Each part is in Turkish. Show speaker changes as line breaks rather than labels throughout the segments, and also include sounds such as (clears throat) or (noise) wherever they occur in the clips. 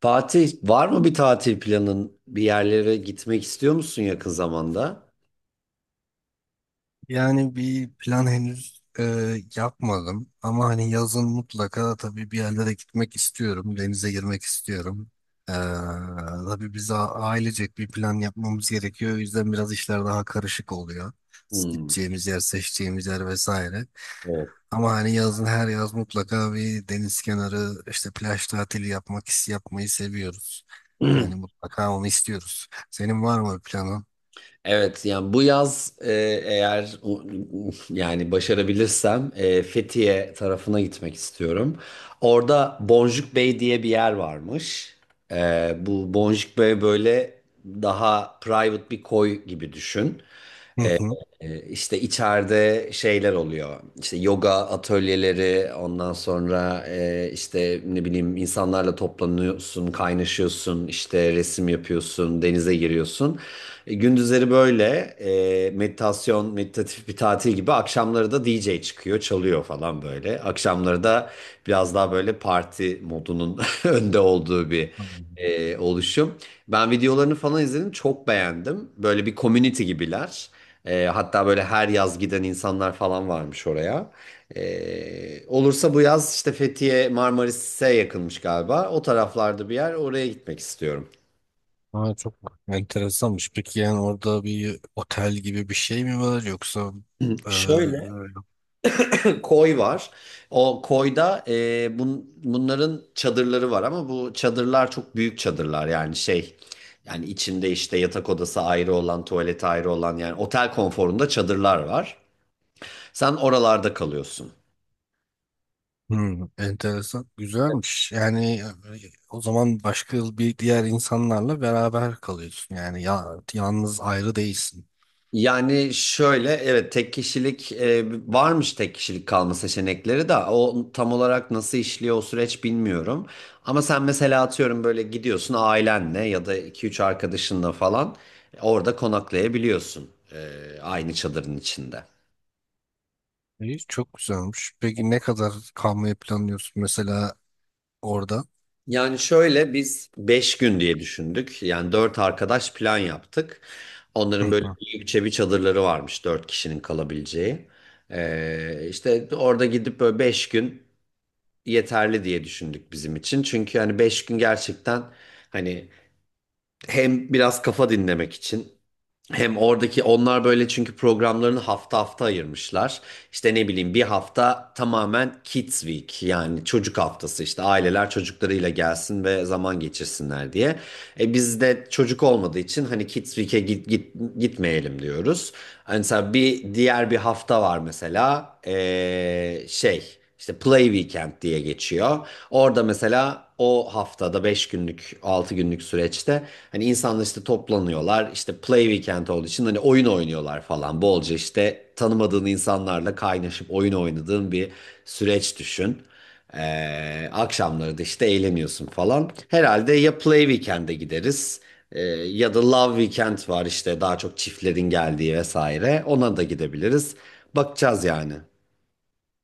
Fatih, var mı bir tatil planın? Bir yerlere gitmek istiyor musun yakın zamanda?
Yani bir plan henüz yapmadım ama hani yazın mutlaka tabii bir yerlere gitmek istiyorum, denize girmek istiyorum. E, tabii ailecek bir plan yapmamız gerekiyor. O yüzden biraz işler daha karışık oluyor.
Hmm,
Gideceğimiz yer, seçeceğimiz yer vesaire.
evet.
Ama hani yazın her yaz mutlaka bir deniz kenarı işte plaj tatili yapmayı seviyoruz. Yani mutlaka onu istiyoruz. Senin var mı planın?
Evet, yani bu yaz eğer u- yani başarabilirsem, Fethiye tarafına gitmek istiyorum. Orada Boncuk Bey diye bir yer varmış. Bu Boncuk Bey böyle daha private bir koy gibi düşün.
Hı
İşte içeride şeyler oluyor. İşte yoga atölyeleri, ondan sonra, işte ne bileyim insanlarla toplanıyorsun, kaynaşıyorsun, işte resim yapıyorsun, denize giriyorsun. Gündüzleri böyle meditasyon, meditatif bir tatil gibi. Akşamları da DJ çıkıyor, çalıyor falan böyle. Akşamları da biraz daha böyle parti modunun (laughs) önde olduğu bir
hı.
oluşum. Ben videolarını falan izledim, çok beğendim. Böyle bir community gibiler. Hatta böyle her yaz giden insanlar falan varmış oraya. Olursa bu yaz işte Fethiye Marmaris'e yakınmış galiba. O taraflarda bir yer, oraya gitmek istiyorum.
Ha, çok enteresanmış. Peki yani orada bir otel gibi bir şey mi var yoksa e,
Şöyle
e,
(clears throat) koy var. O koyda, bunların çadırları var ama bu çadırlar çok büyük çadırlar, yani şey, yani içinde işte yatak odası ayrı olan, tuvalet ayrı olan, yani otel konforunda çadırlar var. Sen oralarda kalıyorsun.
hmm, enteresan güzelmiş. Yani o zaman başka bir diğer insanlarla beraber kalıyorsun. Yani yalnız ayrı değilsin.
Yani şöyle, evet, tek kişilik varmış, tek kişilik kalma seçenekleri de o tam olarak nasıl işliyor, o süreç bilmiyorum. Ama sen mesela atıyorum böyle gidiyorsun ailenle ya da iki üç arkadaşınla falan orada konaklayabiliyorsun, aynı çadırın içinde.
İyi, çok güzelmiş. Peki ne kadar kalmayı planlıyorsun mesela orada?
Yani şöyle biz 5 gün diye düşündük. Yani 4 arkadaş plan yaptık.
(clears throat) Hı
Onların böyle
hı.
büyükçe bir çadırları varmış, 4 kişinin kalabileceği. İşte orada gidip böyle 5 gün yeterli diye düşündük bizim için. Çünkü hani 5 gün gerçekten hani hem biraz kafa dinlemek için, hem oradaki, onlar böyle, çünkü programlarını hafta hafta ayırmışlar. İşte ne bileyim, bir hafta tamamen Kids Week, yani çocuk haftası, işte aileler çocuklarıyla gelsin ve zaman geçirsinler diye. E biz çocuk olmadığı için hani Kids Week'e gitmeyelim diyoruz. Hani mesela bir diğer bir hafta var mesela, şey, işte Play Weekend diye geçiyor. Orada mesela o haftada 5 günlük 6 günlük süreçte hani insanlar işte toplanıyorlar, işte Play Weekend olduğu için hani oyun oynuyorlar falan bolca, işte tanımadığın insanlarla kaynaşıp oyun oynadığın bir süreç düşün. Akşamları da işte eğleniyorsun falan. Herhalde ya Play Weekend'e gideriz, ya da Love Weekend var, işte daha çok çiftlerin geldiği vesaire. Ona da gidebiliriz. Bakacağız yani.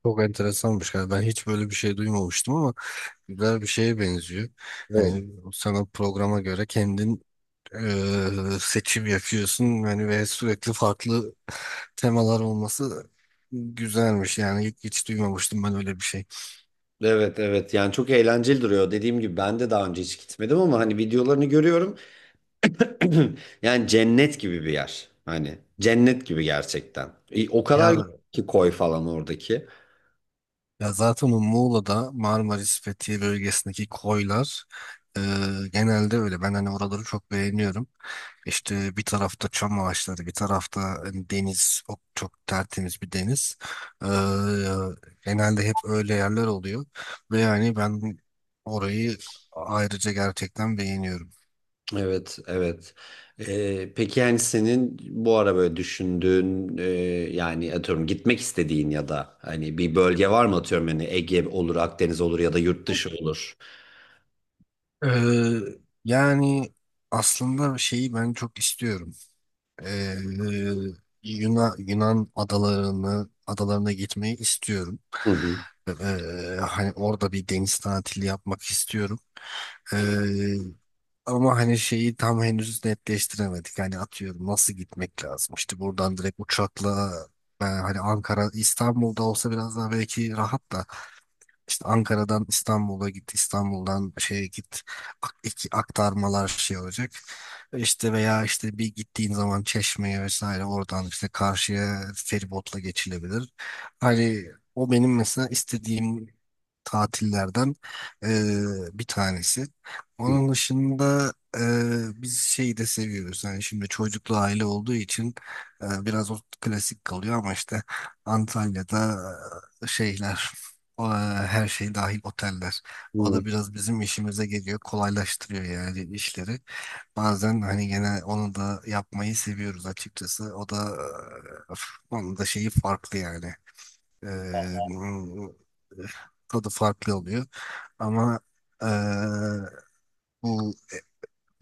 Çok enteresanmış. Yani ben hiç böyle bir şey duymamıştım ama güzel bir şeye benziyor.
Evet.
Hani sana programa göre kendin seçim yapıyorsun yani ve sürekli farklı temalar olması güzelmiş yani hiç duymamıştım ben öyle bir şey.
Evet, evet, yani çok eğlenceli duruyor. Dediğim gibi ben de daha önce hiç gitmedim ama hani videolarını görüyorum. (clears throat) Yani cennet gibi bir yer. Hani cennet gibi gerçekten. E, o kadar
Ya,
ki koy falan oradaki.
ya zaten o Muğla'da Marmaris Fethiye bölgesindeki koylar e, genelde öyle. Ben hani oraları çok beğeniyorum. İşte bir tarafta çam ağaçları, bir tarafta hani deniz, çok tertemiz bir deniz. E, Genelde hep öyle yerler oluyor ve yani ben orayı ayrıca gerçekten beğeniyorum.
Evet, evet. Peki yani senin bu ara böyle düşündüğün, yani atıyorum gitmek istediğin ya da hani bir bölge var mı, atıyorum hani Ege olur, Akdeniz olur ya da yurt dışı olur.
Ee, Yani aslında şeyi ben çok istiyorum. Ee, Yunan adalarına gitmeyi istiyorum.
Hı
Ee, Hani orada bir deniz tatili yapmak istiyorum. Ee, Ama hani şeyi tam henüz netleştiremedik. Hani atıyorum nasıl gitmek lazım? İşte buradan direkt uçakla ben hani Ankara, İstanbul'da olsa biraz daha belki rahat da işte Ankara'dan İstanbul'a git, İstanbul'dan şeye git, iki aktarmalar şey olacak. İşte veya işte bir gittiğin zaman Çeşme'ye vesaire oradan işte karşıya feribotla geçilebilir. Hani o benim mesela istediğim tatillerden e, bir tanesi. Onun dışında biz şeyi de seviyoruz. Yani şimdi çocuklu aile olduğu için biraz o klasik kalıyor ama işte Antalya'da şeyler o, e, her şey dahil oteller. O da
hı.
biraz bizim işimize geliyor, kolaylaştırıyor yani işleri. Bazen hani gene onu da yapmayı seviyoruz açıkçası. O da e, onun da şeyi farklı yani. Ee, bu- Tadı farklı oluyor. Ama ee, bu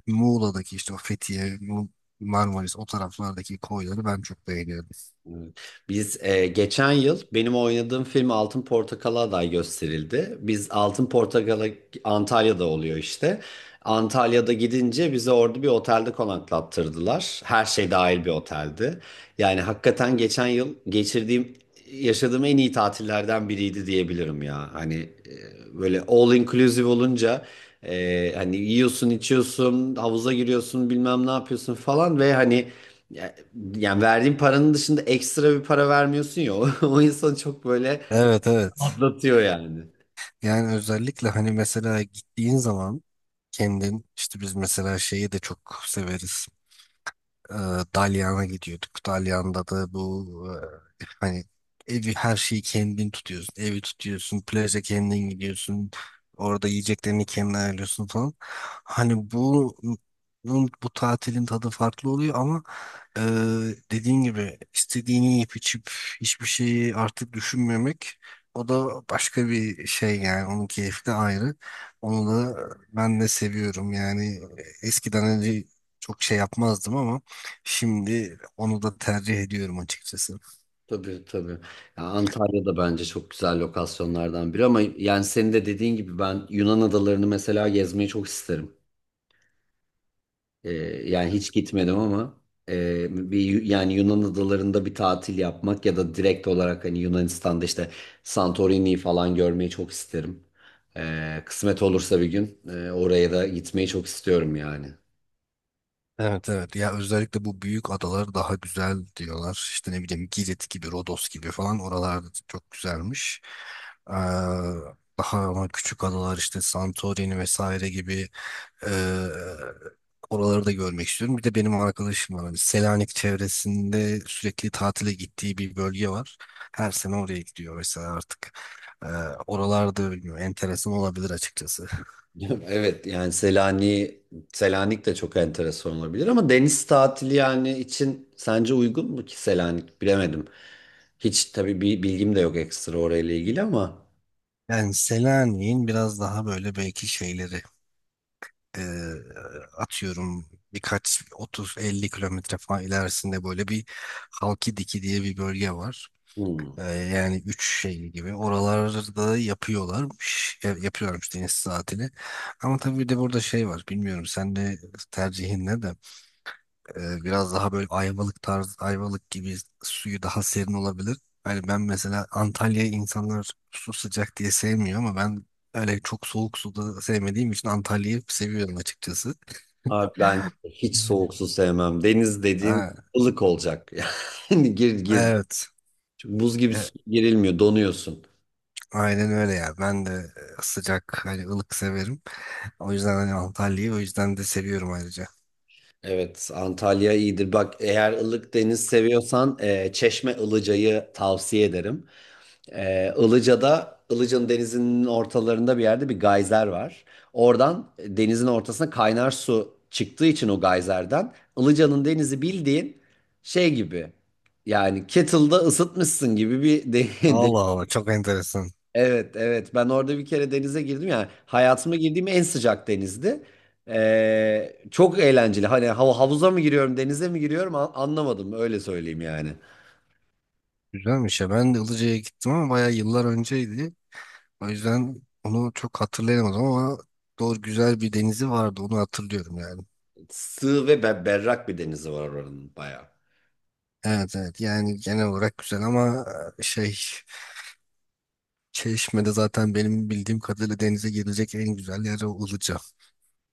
Muğla'daki işte o Fethiye, Marmaris o taraflardaki koyları ben çok beğeniyorum.
Evet. Biz, geçen yıl benim oynadığım film Altın Portakal'a aday gösterildi. Biz Altın Portakal'a, Antalya'da oluyor işte. Antalya'da gidince bizi orada bir otelde konaklattırdılar. Her şey dahil bir oteldi. Yani hakikaten geçen yıl geçirdiğim, yaşadığım en iyi tatillerden biriydi diyebilirim ya. Hani böyle all inclusive olunca, hani yiyorsun, içiyorsun, havuza giriyorsun, bilmem ne yapıyorsun falan ve hani yani verdiğin paranın dışında ekstra bir para vermiyorsun ya, (laughs) o insanı çok böyle
Evet evet.
atlatıyor yani.
Yani özellikle hani mesela gittiğin zaman kendin işte biz mesela şeyi de çok severiz. e, Dalyan'a gidiyorduk. Dalyan'da da bu hani evi her şeyi kendin tutuyorsun. Evi tutuyorsun, plaja kendin gidiyorsun. Orada yiyeceklerini kendin ayarlıyorsun falan. Hani bu tatilin tadı farklı oluyor ama ee, dediğin gibi istediğini yiyip içip hiçbir şeyi artık düşünmemek o da başka bir şey yani onun keyfi de ayrı. Onu da ben de seviyorum yani eskiden önce çok şey yapmazdım ama şimdi onu da tercih ediyorum açıkçası.
Tabii, tabii. Ya Antalya da bence çok güzel lokasyonlardan biri ama yani senin de dediğin gibi ben Yunan adalarını mesela gezmeyi çok isterim. Ee, Yani hiç gitmedim ama, yani Yunan adalarında bir tatil yapmak ya da direkt olarak hani Yunanistan'da işte Santorini'yi falan görmeyi çok isterim. Kısmet olursa bir gün oraya da gitmeyi çok istiyorum yani.
Evet evet ya özellikle bu büyük adalar daha güzel diyorlar işte ne bileyim Girit gibi Rodos gibi falan oralarda çok güzelmiş. Ee, Daha ama küçük adalar işte Santorini vesaire gibi Ee, oraları da görmek istiyorum. Bir de benim arkadaşım var. Hani Selanik çevresinde sürekli tatile gittiği bir bölge var. Her sene oraya gidiyor mesela artık. Ee, Oralarda bilmiyorum. Enteresan olabilir açıkçası.
(laughs) Evet yani Selanik de çok enteresan olabilir ama deniz tatili yani için sence uygun mu ki Selanik, bilemedim. Hiç tabii bir bilgim de yok ekstra orayla ilgili ama
Yani Selanik'in biraz daha böyle belki şeyleri e, atıyorum birkaç 30-50 kilometre falan ilerisinde böyle bir Halkidiki diye bir bölge var.
hmm.
Ee, Yani üç şey gibi oralarda yapıyorlarmış. Yapıyorlarmış deniz tatili. Ama tabii bir de burada şey var. Bilmiyorum sen de tercihin ne de. Biraz daha böyle Ayvalık gibi suyu daha serin olabilir. Hani ben mesela Antalya'yı insanlar su sıcak diye sevmiyor ama ben öyle çok soğuk suda sevmediğim için Antalya'yı seviyorum açıkçası.
Abi ben hiç soğuk su sevmem. Deniz dediğin
Ha,
ılık olacak. (laughs) Yani gir gir
evet.
buz gibi su girilmiyor, donuyorsun.
Aynen öyle ya. Ben de hani ılık severim. O yüzden hani Antalya'yı o yüzden de seviyorum ayrıca.
Evet, Antalya iyidir. Bak, eğer ılık deniz seviyorsan, Çeşme Ilıca'yı tavsiye ederim. Ilıca'da, Ilıca'nın denizinin ortalarında bir yerde bir gayzer var. Oradan, denizin ortasına kaynar su çıktığı için o gayzerden Ilıca'nın denizi bildiğin şey gibi. Yani kettle'da ısıtmışsın gibi bir (laughs) de-
Allah Allah çok enteresan.
evet, evet, ben orada bir kere denize girdim, yani hayatıma girdiğim en sıcak denizdi. Çok eğlenceli. Hani havuza mı giriyorum, denize mi giriyorum anlamadım, öyle söyleyeyim yani.
Güzelmiş ya. Ben de Ilıca'ya gittim ama bayağı yıllar önceydi. O yüzden onu çok hatırlayamadım ama doğru güzel bir denizi vardı. Onu hatırlıyorum yani.
Sığ ve berrak bir denizi var oranın bayağı.
Evet evet yani genel olarak güzel ama e, şey Çeşme'de zaten benim bildiğim kadarıyla denize girilecek en güzel yer o Ilıca.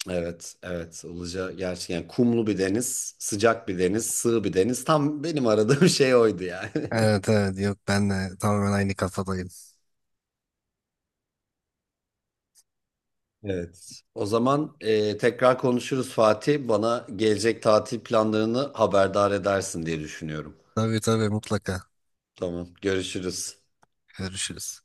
Evet, evet. Ilıca gerçekten kumlu bir deniz, sıcak bir deniz, sığ bir deniz. Tam benim aradığım şey oydu yani. (laughs)
Evet evet yok ben de tamamen aynı kafadayım.
Evet. O zaman, tekrar konuşuruz Fatih. Bana gelecek tatil planlarını haberdar edersin diye düşünüyorum.
Tabii tabii mutlaka
Tamam, görüşürüz.
görüşürüz.